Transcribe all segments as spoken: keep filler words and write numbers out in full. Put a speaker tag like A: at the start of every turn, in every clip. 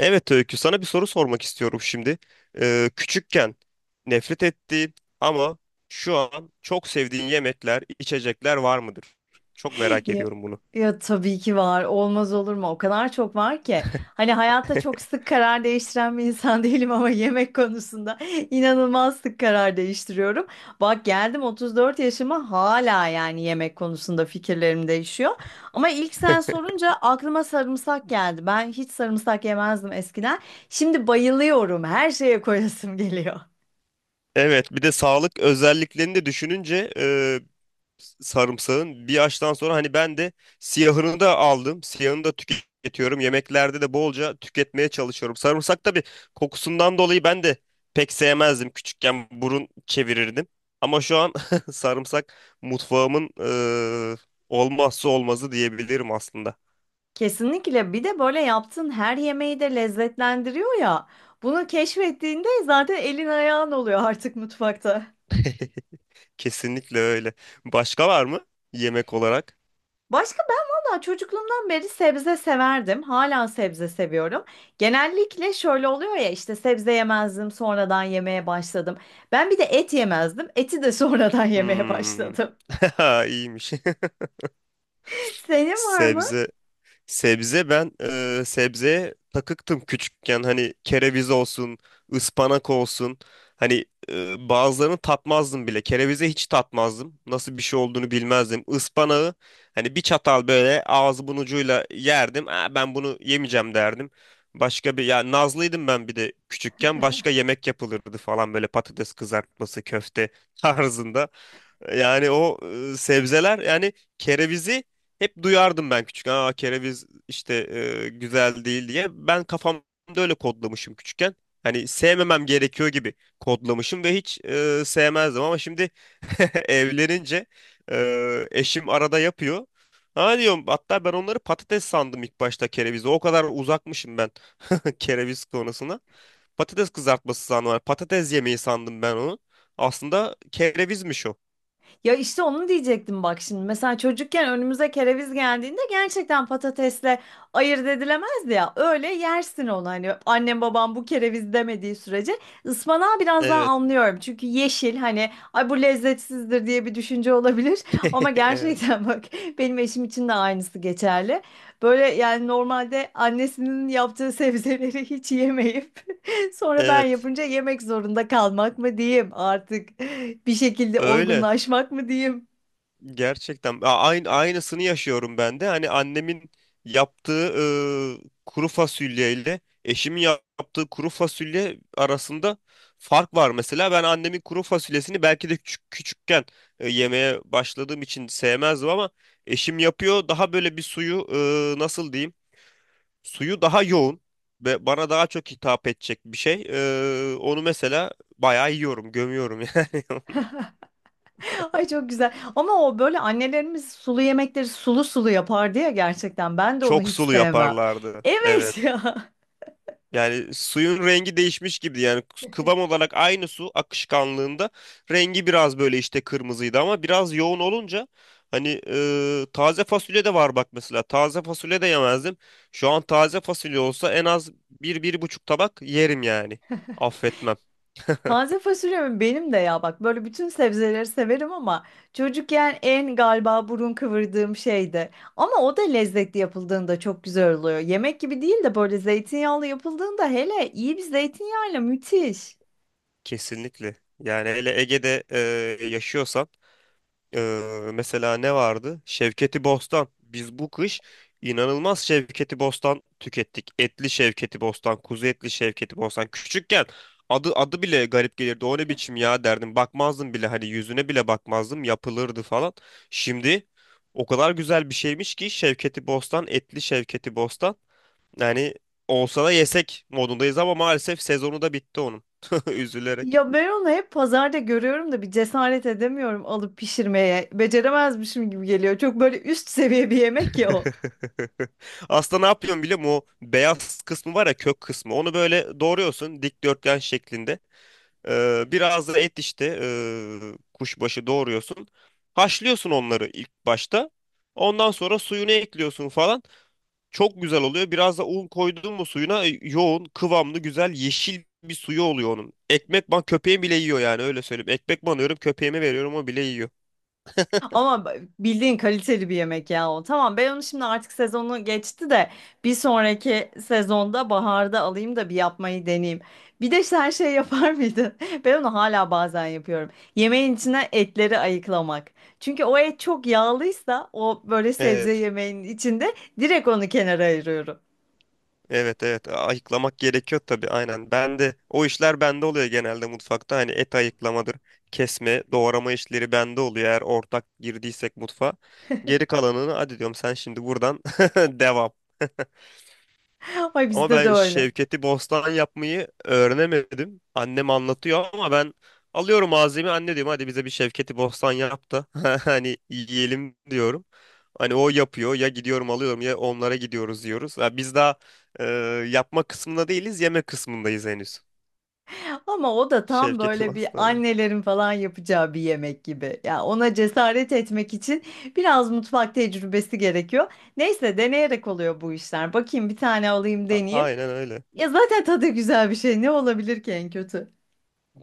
A: Evet Öykü, sana bir soru sormak istiyorum şimdi. Ee, küçükken nefret ettiğin ama şu an çok sevdiğin yemekler, içecekler var mıdır? Çok merak
B: Ya,
A: ediyorum bunu.
B: ya tabii ki var. Olmaz olur mu? O kadar çok var ki. Hani hayatta çok sık karar değiştiren bir insan değilim ama yemek konusunda inanılmaz sık karar değiştiriyorum. Bak geldim otuz dört yaşıma hala yani yemek konusunda fikirlerim değişiyor. Ama ilk sen sorunca aklıma sarımsak geldi. Ben hiç sarımsak yemezdim eskiden. Şimdi bayılıyorum. Her şeye koyasım geliyor.
A: Evet, bir de sağlık özelliklerini de düşününce e, sarımsağın bir yaştan sonra hani ben de siyahını da aldım. Siyahını da tüketiyorum. Yemeklerde de bolca tüketmeye çalışıyorum. Sarımsak tabii kokusundan dolayı ben de pek sevmezdim. Küçükken burun çevirirdim. Ama şu an sarımsak mutfağımın eee, olmazsa olmazı diyebilirim aslında.
B: Kesinlikle. Bir de böyle yaptığın her yemeği de lezzetlendiriyor ya. Bunu keşfettiğinde zaten elin ayağın oluyor artık mutfakta.
A: Kesinlikle öyle. Başka var mı yemek olarak?
B: Başka ben valla çocukluğumdan beri sebze severdim. Hala sebze seviyorum. Genellikle şöyle oluyor ya işte sebze yemezdim, sonradan yemeye başladım. Ben bir de et yemezdim. Eti de sonradan yemeye
A: Hmm.
B: başladım.
A: İyiymiş.
B: Senin var mı?
A: Sebze Sebze ben e, sebzeye takıktım küçükken, hani kereviz olsun, ıspanak olsun. Hani e, bazılarını tatmazdım bile. Kerevize hiç tatmazdım. Nasıl bir şey olduğunu bilmezdim. Ispanağı hani bir çatal böyle ağzımın ucuyla yerdim. "Aa, ben bunu yemeyeceğim" derdim. Başka bir ya nazlıydım ben, bir de küçükken başka yemek yapılırdı falan, böyle patates kızartması, köfte tarzında. Yani o e, sebzeler yani, kerevizi hep duyardım ben küçükken. Aa kereviz işte e, güzel değil diye. Ben kafamda öyle kodlamışım küçükken. Hani sevmemem gerekiyor gibi kodlamışım ve hiç e, sevmezdim ama şimdi evlenince e, eşim arada yapıyor. Ha diyorum, hatta ben onları patates sandım ilk başta, kerevizi. O kadar uzakmışım ben kereviz konusuna. Patates kızartması sandım. Hani patates yemeği sandım ben onu. Aslında kerevizmiş o.
B: Ya işte onu diyecektim bak şimdi. Mesela çocukken önümüze kereviz geldiğinde gerçekten patatesle ayırt edilemezdi ya. Öyle yersin onu hani annem babam bu kereviz demediği sürece. Ispanağı biraz daha
A: Evet.
B: anlıyorum. Çünkü yeşil, hani ay bu lezzetsizdir diye bir düşünce olabilir. Ama
A: Evet.
B: gerçekten bak, benim eşim için de aynısı geçerli. Böyle yani normalde annesinin yaptığı sebzeleri hiç yemeyip sonra ben
A: Evet.
B: yapınca yemek zorunda kalmak mı diyeyim artık, bir şekilde
A: Öyle.
B: olgunlaşmak mı diyeyim.
A: Gerçekten. A- Aynı, aynısını yaşıyorum ben de. Hani annemin yaptığı e, kuru fasulye ile eşimin yap- yaptığı kuru fasulye arasında fark var mesela. Ben annemin kuru fasulyesini belki de küçük, küçükken e, yemeye başladığım için sevmezdim, ama eşim yapıyor. Daha böyle bir suyu, e, nasıl diyeyim? Suyu daha yoğun ve bana daha çok hitap edecek bir şey. E, onu mesela bayağı yiyorum, gömüyorum yani.
B: Ay çok güzel. Ama o böyle annelerimiz sulu yemekleri sulu sulu yapardı ya gerçekten. Ben de onu
A: Çok
B: hiç
A: sulu
B: sevmem.
A: yaparlardı.
B: Evet
A: Evet.
B: ya.
A: Yani suyun rengi değişmiş gibi yani, kıvam olarak aynı su akışkanlığında, rengi biraz böyle işte kırmızıydı ama biraz yoğun olunca, hani e, taze fasulye de var bak mesela, taze fasulye de yemezdim. Şu an taze fasulye olsa en az bir bir buçuk tabak yerim yani. Affetmem.
B: Taze fasulyem benim de ya, bak böyle bütün sebzeleri severim ama çocukken en galiba burun kıvırdığım şeydi. Ama o da lezzetli yapıldığında çok güzel oluyor. Yemek gibi değil de böyle zeytinyağlı yapıldığında, hele iyi bir zeytinyağıyla, müthiş.
A: Kesinlikle. Yani hele Ege'de e, yaşıyorsan. Ee, mesela ne vardı? Şevketi Bostan. Biz bu kış inanılmaz Şevketi Bostan tükettik. Etli Şevketi Bostan, kuzu etli Şevketi Bostan. Küçükken adı adı bile garip gelirdi. O ne biçim ya derdim. Bakmazdım bile, hani yüzüne bile bakmazdım. Yapılırdı falan. Şimdi o kadar güzel bir şeymiş ki Şevketi Bostan, etli Şevketi Bostan. Yani olsa da yesek modundayız, ama maalesef sezonu da bitti onun. Üzülerek.
B: Ya ben onu hep pazarda görüyorum da bir cesaret edemiyorum alıp pişirmeye. Beceremezmişim gibi geliyor. Çok böyle üst seviye bir yemek ya o.
A: Aslında ne yapıyorsun biliyor musun? O beyaz kısmı var ya, kök kısmı. Onu böyle doğruyorsun, dikdörtgen şeklinde. Ee, biraz da et işte, ee, kuşbaşı doğruyorsun. Haşlıyorsun onları ilk başta. Ondan sonra suyunu ekliyorsun falan. Çok güzel oluyor. Biraz da un koydun mu suyuna, e, yoğun, kıvamlı, güzel, yeşil bir suyu oluyor onun. Ekmek ban, köpeğim bile yiyor yani, öyle söyleyeyim. Ekmek banıyorum köpeğime, veriyorum, o bile yiyor.
B: Ama b- bildiğin kaliteli bir yemek ya o. Tamam, ben onu şimdi artık sezonu geçti de bir sonraki sezonda baharda alayım da bir yapmayı deneyeyim. Bir de sen şey yapar mıydın? Ben onu hala bazen yapıyorum. Yemeğin içine etleri ayıklamak. Çünkü o et çok yağlıysa o böyle sebze
A: Evet.
B: yemeğinin içinde direkt onu kenara ayırıyorum.
A: Evet evet, ayıklamak gerekiyor tabii, aynen. Ben de, o işler bende oluyor genelde mutfakta. Hani et ayıklamadır, kesme, doğrama işleri bende oluyor, eğer ortak girdiysek mutfağa. Geri kalanını hadi diyorum, sen şimdi buradan devam.
B: Ay
A: Ama
B: bizde de
A: ben
B: öyle.
A: Şevketi Bostan yapmayı öğrenemedim. Annem anlatıyor ama ben alıyorum malzemeyi, anne diyorum hadi bize bir Şevketi Bostan yap da hani yiyelim diyorum. Hani o yapıyor ya, gidiyorum alıyorum, ya onlara gidiyoruz diyoruz. Ya biz daha e, yapma kısmında değiliz, yeme kısmındayız henüz.
B: Ama o da tam
A: Şevketi
B: böyle bir
A: Bostan'ı.
B: annelerin falan yapacağı bir yemek gibi. Ya ona cesaret etmek için biraz mutfak tecrübesi gerekiyor. Neyse, deneyerek oluyor bu işler. Bakayım bir tane alayım
A: A-
B: deneyeyim.
A: aynen öyle.
B: Ya zaten tadı güzel bir şey. Ne olabilir ki en kötü?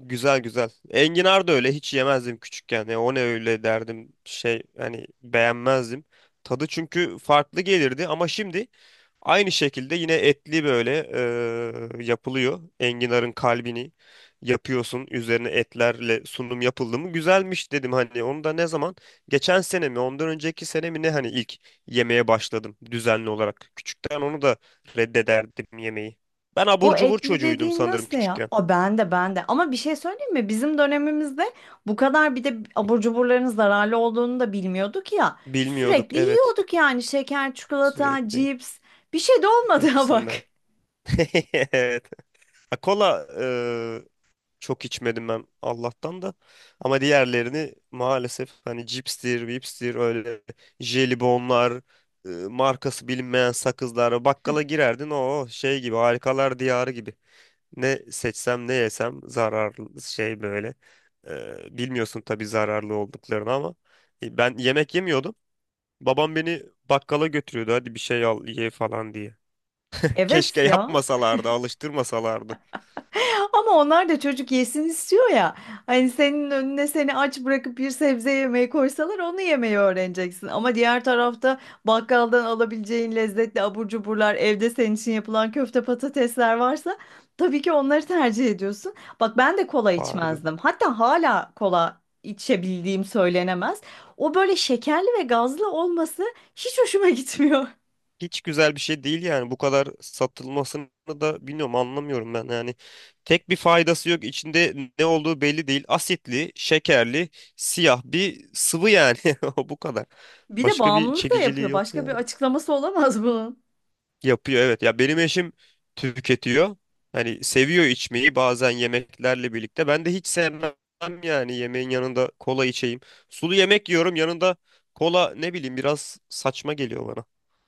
A: Güzel güzel. Enginar da öyle, hiç yemezdim küçükken. Ya o ne öyle derdim, şey hani, beğenmezdim. Tadı çünkü farklı gelirdi ama şimdi aynı şekilde yine etli böyle eee, yapılıyor. Enginarın kalbini yapıyorsun. Üzerine etlerle sunum yapıldı mı, güzelmiş dedim, hani onu da ne zaman, geçen sene mi ondan önceki sene mi ne, hani ilk yemeye başladım düzenli olarak. Küçükten onu da reddederdim, yemeği. Ben abur
B: Bu
A: cubur
B: etli
A: çocuğuydum
B: dediğin
A: sanırım
B: nasıl ya?
A: küçükken.
B: O ben de ben de. Ama bir şey söyleyeyim mi? Bizim dönemimizde bu kadar bir de abur cuburların zararlı olduğunu da bilmiyorduk ya.
A: Bilmiyorduk
B: Sürekli
A: evet.
B: yiyorduk yani, şeker, çikolata,
A: Sürekli
B: cips. Bir şey de olmadı ha bak.
A: hepsinden. Evet. Ha, kola e, çok içmedim ben Allah'tan da. Ama diğerlerini maalesef, hani cipstir, vipstir, öyle jelibonlar, e, markası bilinmeyen sakızlar. Bakkala girerdin, o şey gibi, harikalar diyarı gibi. Ne seçsem ne yesem zararlı şey böyle. E, bilmiyorsun tabii zararlı olduklarını, ama e, ben yemek yemiyordum. Babam beni bakkala götürüyordu. Hadi bir şey al ye falan diye.
B: Evet
A: Keşke
B: ya.
A: yapmasalardı, alıştırmasalardı.
B: Ama onlar da çocuk yesin istiyor ya. Hani senin önüne seni aç bırakıp bir sebze yemeği koysalar onu yemeyi öğreneceksin. Ama diğer tarafta bakkaldan alabileceğin lezzetli abur cuburlar, evde senin için yapılan köfte patatesler varsa tabii ki onları tercih ediyorsun. Bak ben de kola
A: Vardı.
B: içmezdim. Hatta hala kola içebildiğim söylenemez. O böyle şekerli ve gazlı olması hiç hoşuma gitmiyor.
A: Hiç güzel bir şey değil yani. Bu kadar satılmasını da bilmiyorum, anlamıyorum ben yani. Tek bir faydası yok. İçinde ne olduğu belli değil. Asitli, şekerli, siyah bir sıvı yani. O bu kadar.
B: Bir de
A: Başka bir
B: bağımlılık da
A: çekiciliği
B: yapıyor.
A: yok
B: Başka bir
A: yani.
B: açıklaması olamaz bunun.
A: Yapıyor evet. Ya benim eşim tüketiyor. Hani seviyor içmeyi bazen yemeklerle birlikte. Ben de hiç sevmem yani, yemeğin yanında kola içeyim. Sulu yemek yiyorum, yanında kola, ne bileyim, biraz saçma geliyor bana.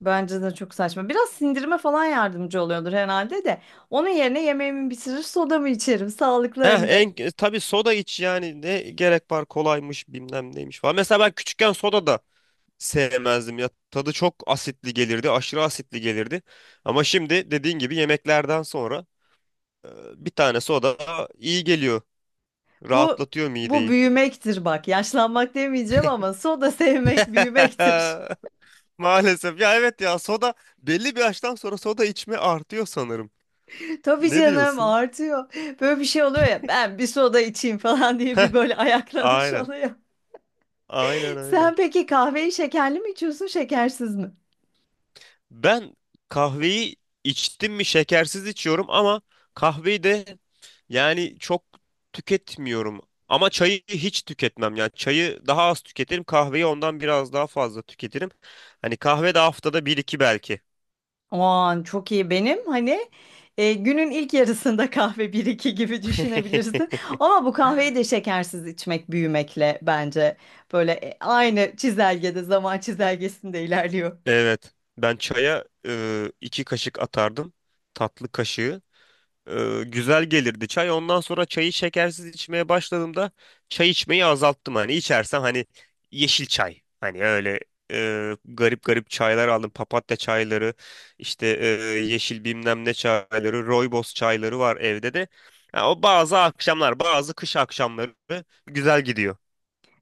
B: Bence de çok saçma. Biraz sindirime falan yardımcı oluyordur herhalde de. Onun yerine yemeğimi bitirir, sodamı içerim. Sağlıklı
A: Eh,
B: hem de.
A: en, e, tabii soda iç yani, ne gerek var kolaymış bilmem neymiş falan. Mesela ben küçükken soda da sevmezdim ya. Tadı çok asitli gelirdi, aşırı asitli gelirdi. Ama şimdi dediğin gibi yemeklerden sonra e, bir tane soda iyi geliyor.
B: Bu
A: Rahatlatıyor
B: bu
A: mideyi.
B: büyümektir bak. Yaşlanmak demeyeceğim ama soda sevmek büyümektir.
A: Maalesef. Ya evet ya, soda belli bir yaştan sonra soda içme artıyor sanırım.
B: Tabii
A: Ne
B: canım,
A: diyorsun?
B: artıyor. Böyle bir şey oluyor ya. Ben bir soda içeyim falan diye bir
A: Heh,
B: böyle ayaklanış
A: aynen.
B: oluyor.
A: Aynen öyle.
B: Sen peki kahveyi şekerli mi içiyorsun, şekersiz mi?
A: Ben kahveyi içtim mi şekersiz içiyorum, ama kahveyi de yani çok tüketmiyorum. Ama çayı hiç tüketmem. Yani çayı daha az tüketirim. Kahveyi ondan biraz daha fazla tüketirim. Hani kahve de haftada bir iki belki.
B: Aman çok iyi, benim hani e, günün ilk yarısında kahve bir iki gibi düşünebilirsin. Ama bu kahveyi de şekersiz içmek büyümekle bence böyle e, aynı çizelgede, zaman çizelgesinde ilerliyor.
A: Evet. Ben çaya e, iki kaşık atardım. Tatlı kaşığı. e, güzel gelirdi çay. Ondan sonra çayı şekersiz içmeye başladığımda çay içmeyi azalttım. Hani içersem, hani yeşil çay. Hani öyle e, garip garip çaylar aldım. Papatya çayları, işte e, yeşil bilmem ne çayları, rooibos çayları var evde de. Ha, o bazı akşamlar, bazı kış akşamları güzel gidiyor.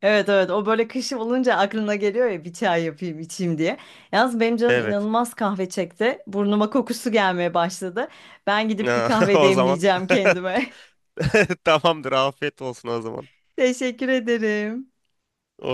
B: Evet evet, o böyle kış olunca aklına geliyor ya bir çay yapayım içeyim diye. Yalnız benim canım
A: Evet.
B: inanılmaz kahve çekti. Burnuma kokusu gelmeye başladı. Ben gidip bir kahve
A: O zaman
B: demleyeceğim kendime.
A: tamamdır. Afiyet olsun o zaman.
B: Teşekkür ederim.